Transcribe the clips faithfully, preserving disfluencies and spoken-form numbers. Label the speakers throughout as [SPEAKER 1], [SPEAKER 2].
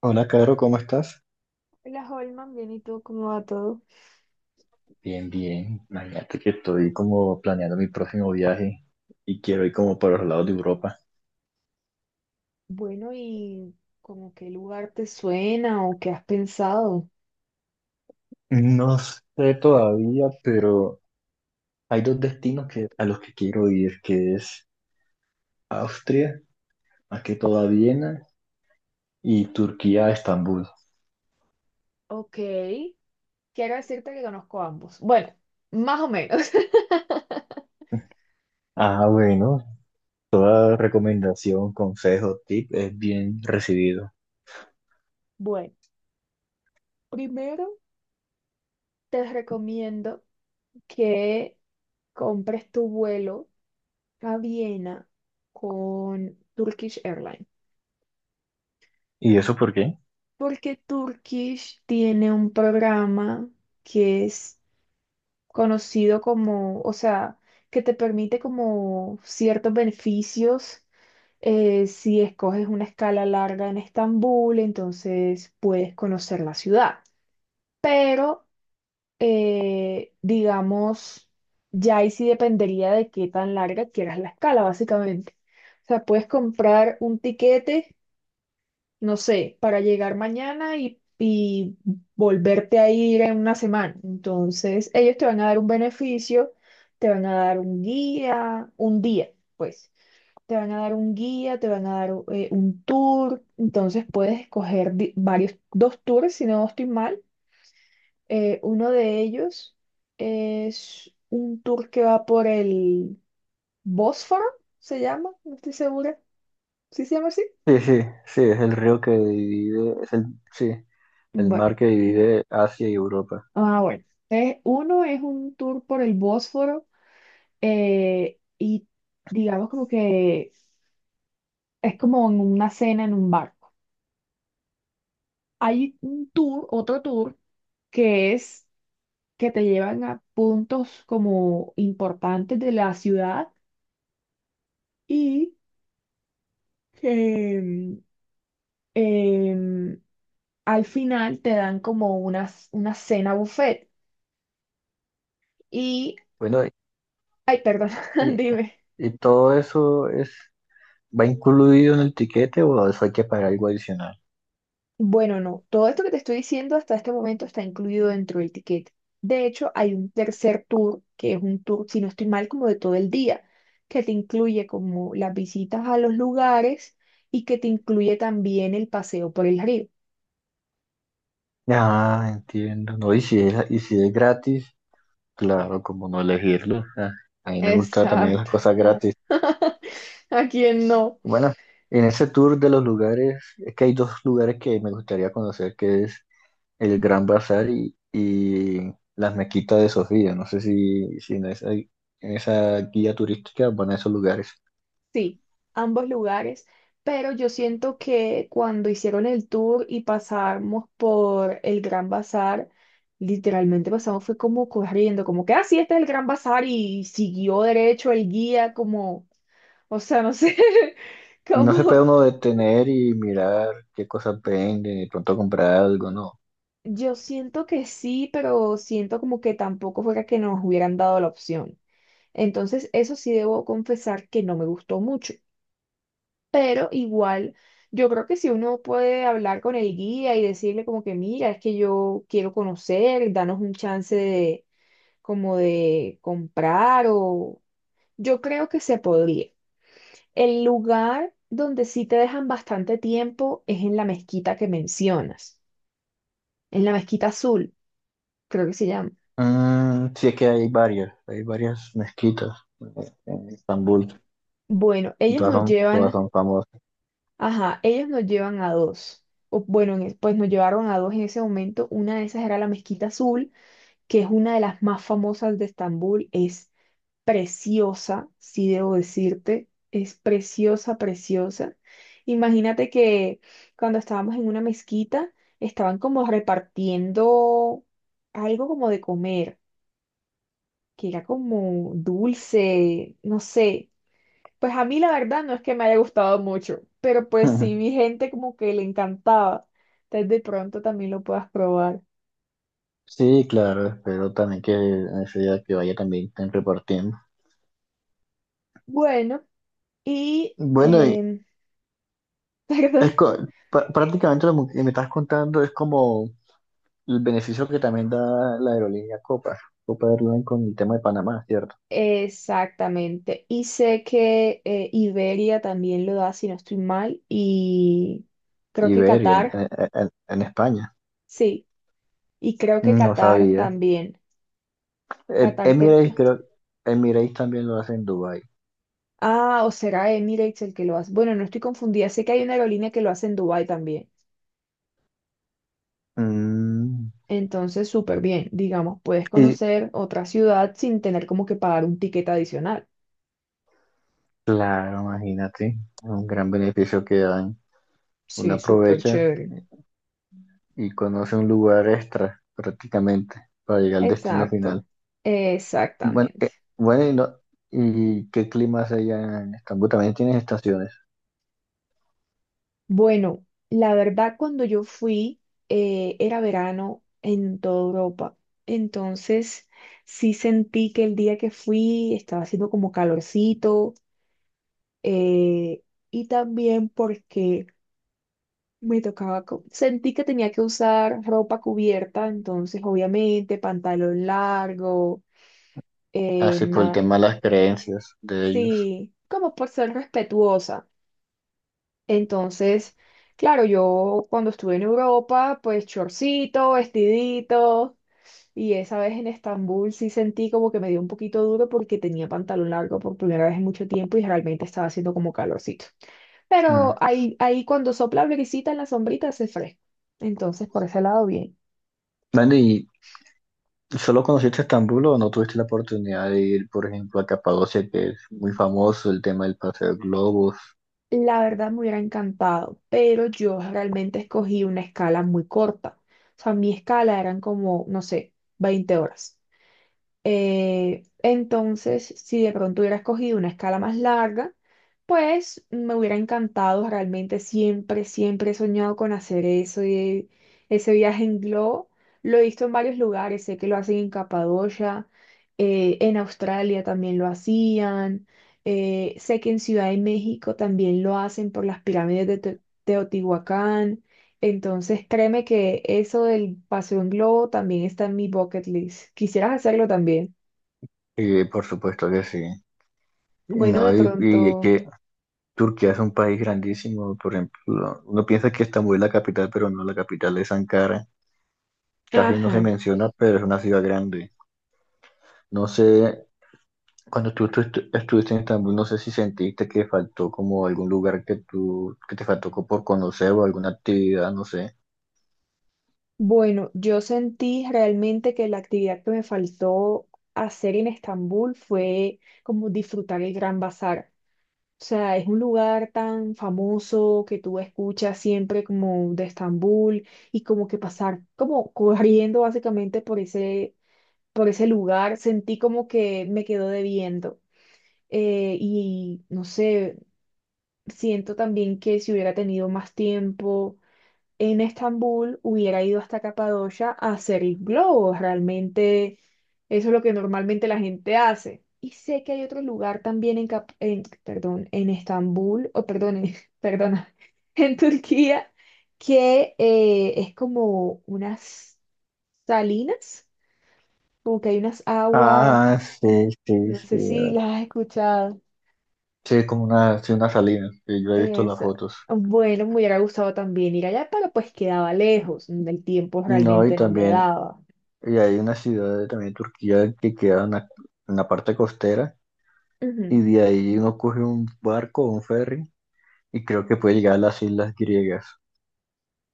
[SPEAKER 1] Hola, Caro, ¿cómo estás?
[SPEAKER 2] Hola Holman, bien, ¿y tú cómo va todo?
[SPEAKER 1] Bien, bien. Imagínate que estoy como planeando mi próximo viaje y quiero ir como para los lados de Europa.
[SPEAKER 2] Bueno, ¿y como qué lugar te suena o qué has pensado?
[SPEAKER 1] No sé todavía, pero hay dos destinos que, a los que quiero ir, que es Austria, más que todo a Viena, y Turquía a Estambul.
[SPEAKER 2] Ok, quiero decirte que conozco ambos. Bueno, más o menos.
[SPEAKER 1] Ah, bueno, toda recomendación, consejo, tip es bien recibido.
[SPEAKER 2] Bueno, primero te recomiendo que compres tu vuelo a Viena con Turkish Airlines,
[SPEAKER 1] ¿Y eso por qué?
[SPEAKER 2] porque Turkish tiene un programa que es conocido como, o sea, que te permite como ciertos beneficios eh, si escoges una escala larga en Estambul, entonces puedes conocer la ciudad. Pero, eh, digamos, ya ahí sí dependería de qué tan larga quieras la escala, básicamente. O sea, puedes comprar un tiquete no sé, para llegar mañana y, y volverte a ir en una semana. Entonces, ellos te van a dar un beneficio, te van a dar un guía, un día, pues. Te van a dar un guía, te van a dar eh, un tour. Entonces, puedes escoger di- varios, dos tours, si no estoy mal. Eh, uno de ellos es un tour que va por el Bósforo, se llama, no estoy segura. ¿Sí se llama así?
[SPEAKER 1] Sí, sí, sí, es el río que divide, es el, sí, el
[SPEAKER 2] Bueno.
[SPEAKER 1] mar que divide Asia y Europa.
[SPEAKER 2] Ah, bueno. Entonces, uno es un tour por el Bósforo eh, y digamos como que es como en una cena en un barco. Hay un tour, otro tour, que es que te llevan a puntos como importantes de la ciudad y que mm, em, al final te dan como una, una cena buffet. Y,
[SPEAKER 1] Bueno,
[SPEAKER 2] ay, perdón,
[SPEAKER 1] y,
[SPEAKER 2] dime.
[SPEAKER 1] y todo eso es, va incluido en el tiquete o eso hay que pagar algo adicional.
[SPEAKER 2] Bueno, no, todo esto que te estoy diciendo hasta este momento está incluido dentro del ticket. De hecho, hay un tercer tour, que es un tour, si no estoy mal, como de todo el día, que te incluye como las visitas a los lugares y que te incluye también el paseo por el río.
[SPEAKER 1] Ah, entiendo. No, y si es, y si es gratis, claro, como no elegirlo. Ah, a mí me gustan también las
[SPEAKER 2] Exacto.
[SPEAKER 1] cosas gratis.
[SPEAKER 2] ¿A quién no?
[SPEAKER 1] Bueno, en ese tour de los lugares, es que hay dos lugares que me gustaría conocer, que es el Gran Bazar y, y las Mequitas de Sofía. No sé si, si en esa, en esa guía turística van a esos lugares.
[SPEAKER 2] Sí, ambos lugares, pero yo siento que cuando hicieron el tour y pasamos por el Gran Bazar, literalmente pasamos fue como corriendo, como que así este es el Gran Bazar y siguió derecho el guía como, o sea, no sé,
[SPEAKER 1] No se puede
[SPEAKER 2] como
[SPEAKER 1] uno detener y mirar qué cosas venden y pronto comprar algo, ¿no?
[SPEAKER 2] yo siento que sí, pero siento como que tampoco fuera que nos hubieran dado la opción. Entonces, eso sí debo confesar que no me gustó mucho. Pero igual yo creo que si uno puede hablar con el guía y decirle como que mira, es que yo quiero conocer, danos un chance de como de comprar o yo creo que se podría. El lugar donde sí te dejan bastante tiempo es en la mezquita que mencionas, en la mezquita azul, creo que se llama.
[SPEAKER 1] Mm, sí es que hay varias, hay varias mezquitas eh, en Estambul,
[SPEAKER 2] Bueno,
[SPEAKER 1] y
[SPEAKER 2] ellos
[SPEAKER 1] todas
[SPEAKER 2] nos
[SPEAKER 1] son, todas
[SPEAKER 2] llevan,
[SPEAKER 1] son famosas.
[SPEAKER 2] ajá, ellos nos llevan a dos. O, bueno, en es- pues nos llevaron a dos en ese momento. Una de esas era la mezquita azul que es una de las más famosas de Estambul, es preciosa, si debo decirte, es preciosa, preciosa. Imagínate que cuando estábamos en una mezquita, estaban como repartiendo algo como de comer, que era como dulce, no sé. Pues a mí la verdad no es que me haya gustado mucho, pero pues sí vi gente como que le encantaba. Entonces de pronto también lo puedas probar.
[SPEAKER 1] Sí, claro, espero también que en ese día que vaya también estén repartiendo.
[SPEAKER 2] Bueno, y,
[SPEAKER 1] Bueno, y
[SPEAKER 2] em, perdón.
[SPEAKER 1] es co- pa- prácticamente lo que me estás contando es como el beneficio que también da la aerolínea Copa, Copa Airlines con el tema de Panamá, ¿cierto?
[SPEAKER 2] Exactamente. Y sé que eh, Iberia también lo da, si no estoy mal, y creo que
[SPEAKER 1] Iberia en,
[SPEAKER 2] Qatar,
[SPEAKER 1] en en- en España.
[SPEAKER 2] sí, y creo que
[SPEAKER 1] No
[SPEAKER 2] Qatar
[SPEAKER 1] sabía.
[SPEAKER 2] también.
[SPEAKER 1] Em-
[SPEAKER 2] Qatar te...
[SPEAKER 1] Emirates, creo, Emirates también lo hace en Dubái.
[SPEAKER 2] Ah, o será Emirates el que lo hace. Bueno, no estoy confundida, sé que hay una aerolínea que lo hace en Dubái también.
[SPEAKER 1] Mm,
[SPEAKER 2] Entonces, súper bien, digamos, puedes
[SPEAKER 1] y
[SPEAKER 2] conocer otra ciudad sin tener como que pagar un ticket adicional.
[SPEAKER 1] claro, imagínate, un gran beneficio que dan. Uno
[SPEAKER 2] Sí, súper
[SPEAKER 1] aprovecha
[SPEAKER 2] chévere.
[SPEAKER 1] y conoce un lugar extra prácticamente para llegar al destino final.
[SPEAKER 2] Exacto,
[SPEAKER 1] Bueno,
[SPEAKER 2] exactamente.
[SPEAKER 1] eh, bueno, y, no- ¿y qué clima hace allá en Estambul? También tienes estaciones.
[SPEAKER 2] Bueno, la verdad cuando yo fui eh, era verano en toda Europa, entonces sí sentí que el día que fui estaba haciendo como calorcito eh, y también porque me tocaba, co- sentí que tenía que usar ropa cubierta, entonces obviamente pantalón largo, eh,
[SPEAKER 1] Así por el
[SPEAKER 2] nada,
[SPEAKER 1] tema de las creencias de ellos.
[SPEAKER 2] sí, como por ser respetuosa. Entonces, claro, yo cuando estuve en Europa, pues chorcito, vestidito, y esa vez en Estambul sí sentí como que me dio un poquito duro porque tenía pantalón largo por primera vez en mucho tiempo y realmente estaba haciendo como calorcito. Pero
[SPEAKER 1] Mm.
[SPEAKER 2] ahí, ahí cuando sopla brisita en la sombrita hace fresco. Entonces, por ese lado, bien.
[SPEAKER 1] Bueno, y ¿solo conociste Estambul o no tuviste la oportunidad de ir, por ejemplo, a Capadocia, que es muy famoso el tema del paseo de globos?
[SPEAKER 2] La verdad me hubiera encantado, pero yo realmente escogí una escala muy corta. O sea, mi escala eran como, no sé, veinte horas. Eh, entonces, si de pronto hubiera escogido una escala más larga, pues me hubiera encantado, realmente siempre, siempre he soñado con hacer eso, y ese viaje en globo. Lo he visto en varios lugares, sé que lo hacen en Capadocia, eh, en Australia también lo hacían, eh, sé que en Ciudad de México también lo hacen por las pirámides de Te- Teotihuacán. Entonces, créeme que eso del paseo en globo también está en mi bucket list. ¿Quisieras hacerlo también?
[SPEAKER 1] Y por supuesto que sí.
[SPEAKER 2] Bueno,
[SPEAKER 1] No,
[SPEAKER 2] de
[SPEAKER 1] y, y es
[SPEAKER 2] pronto,
[SPEAKER 1] que Turquía es un país grandísimo, por ejemplo, uno piensa que Estambul es la capital, pero no, la capital es Ankara. Casi no se
[SPEAKER 2] ajá.
[SPEAKER 1] menciona, pero es una ciudad grande. No sé, cuando tú, tú estu- estuviste en Estambul, no sé si sentiste que faltó como algún lugar que tú, que te faltó co- por conocer o alguna actividad, no sé.
[SPEAKER 2] Bueno, yo sentí realmente que la actividad que me faltó hacer en Estambul fue como disfrutar el Gran Bazar. O sea, es un lugar tan famoso que tú escuchas siempre como de Estambul y como que pasar como corriendo básicamente por ese, por ese lugar, sentí como que me quedó debiendo. Eh, y no sé, siento también que si hubiera tenido más tiempo en Estambul hubiera ido hasta Capadocia a hacer globos. Realmente eso es lo que normalmente la gente hace. Y sé que hay otro lugar también en, Cap- en- perdón, en Estambul, o perdón, en- perdona, en Turquía, que eh, es como unas salinas, como que hay unas aguas,
[SPEAKER 1] Ah, sí, sí,
[SPEAKER 2] no
[SPEAKER 1] sí.
[SPEAKER 2] sé si las has escuchado.
[SPEAKER 1] Sí, es como una, sí, una salina, sí, yo he visto las
[SPEAKER 2] Es,
[SPEAKER 1] fotos.
[SPEAKER 2] bueno, me hubiera gustado también ir allá, pero pues quedaba lejos, el tiempo
[SPEAKER 1] No, y
[SPEAKER 2] realmente no me
[SPEAKER 1] también,
[SPEAKER 2] daba.
[SPEAKER 1] y hay una ciudad de- también de Turquía que queda en la, en la parte costera,
[SPEAKER 2] Ujú.
[SPEAKER 1] y de ahí uno coge un barco o un ferry, y creo que puede llegar a las islas griegas.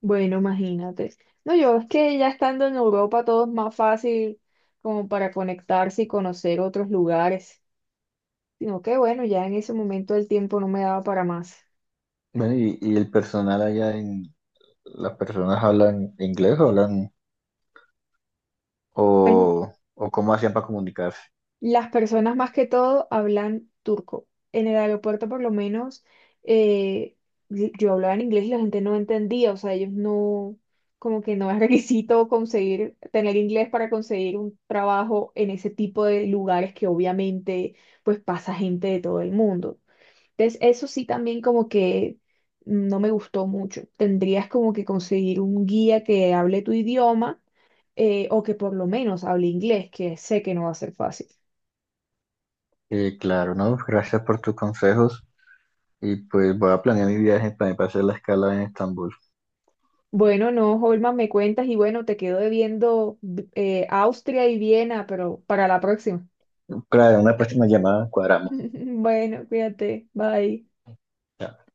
[SPEAKER 2] Bueno, imagínate. No, yo es que ya estando en Europa todo es más fácil como para conectarse y conocer otros lugares, sino que bueno, ya en ese momento el tiempo no me daba para más.
[SPEAKER 1] Bueno, y, y el personal allá en, las personas hablan inglés o hablan,
[SPEAKER 2] Pues
[SPEAKER 1] o, o cómo hacían para comunicarse.
[SPEAKER 2] las personas más que todo hablan turco. En el aeropuerto por lo menos eh, y- yo hablaba en inglés y la gente no entendía, o sea, ellos no, como que no es requisito conseguir, tener inglés para conseguir un trabajo en ese tipo de lugares que obviamente pues pasa gente de todo el mundo. Entonces, eso sí también como que no me gustó mucho. Tendrías como que conseguir un guía que hable tu idioma eh, o que por lo menos hable inglés, que sé que no va a ser fácil.
[SPEAKER 1] Eh, claro, ¿no? Gracias por tus consejos. Y pues voy a planear mi viaje para hacer la escala en Estambul.
[SPEAKER 2] Bueno, no, Holman, me cuentas y bueno, te quedo debiendo eh, Austria y Viena, pero para la próxima.
[SPEAKER 1] Claro, en una próxima llamada cuadramos.
[SPEAKER 2] Bueno, cuídate, bye.
[SPEAKER 1] Chao.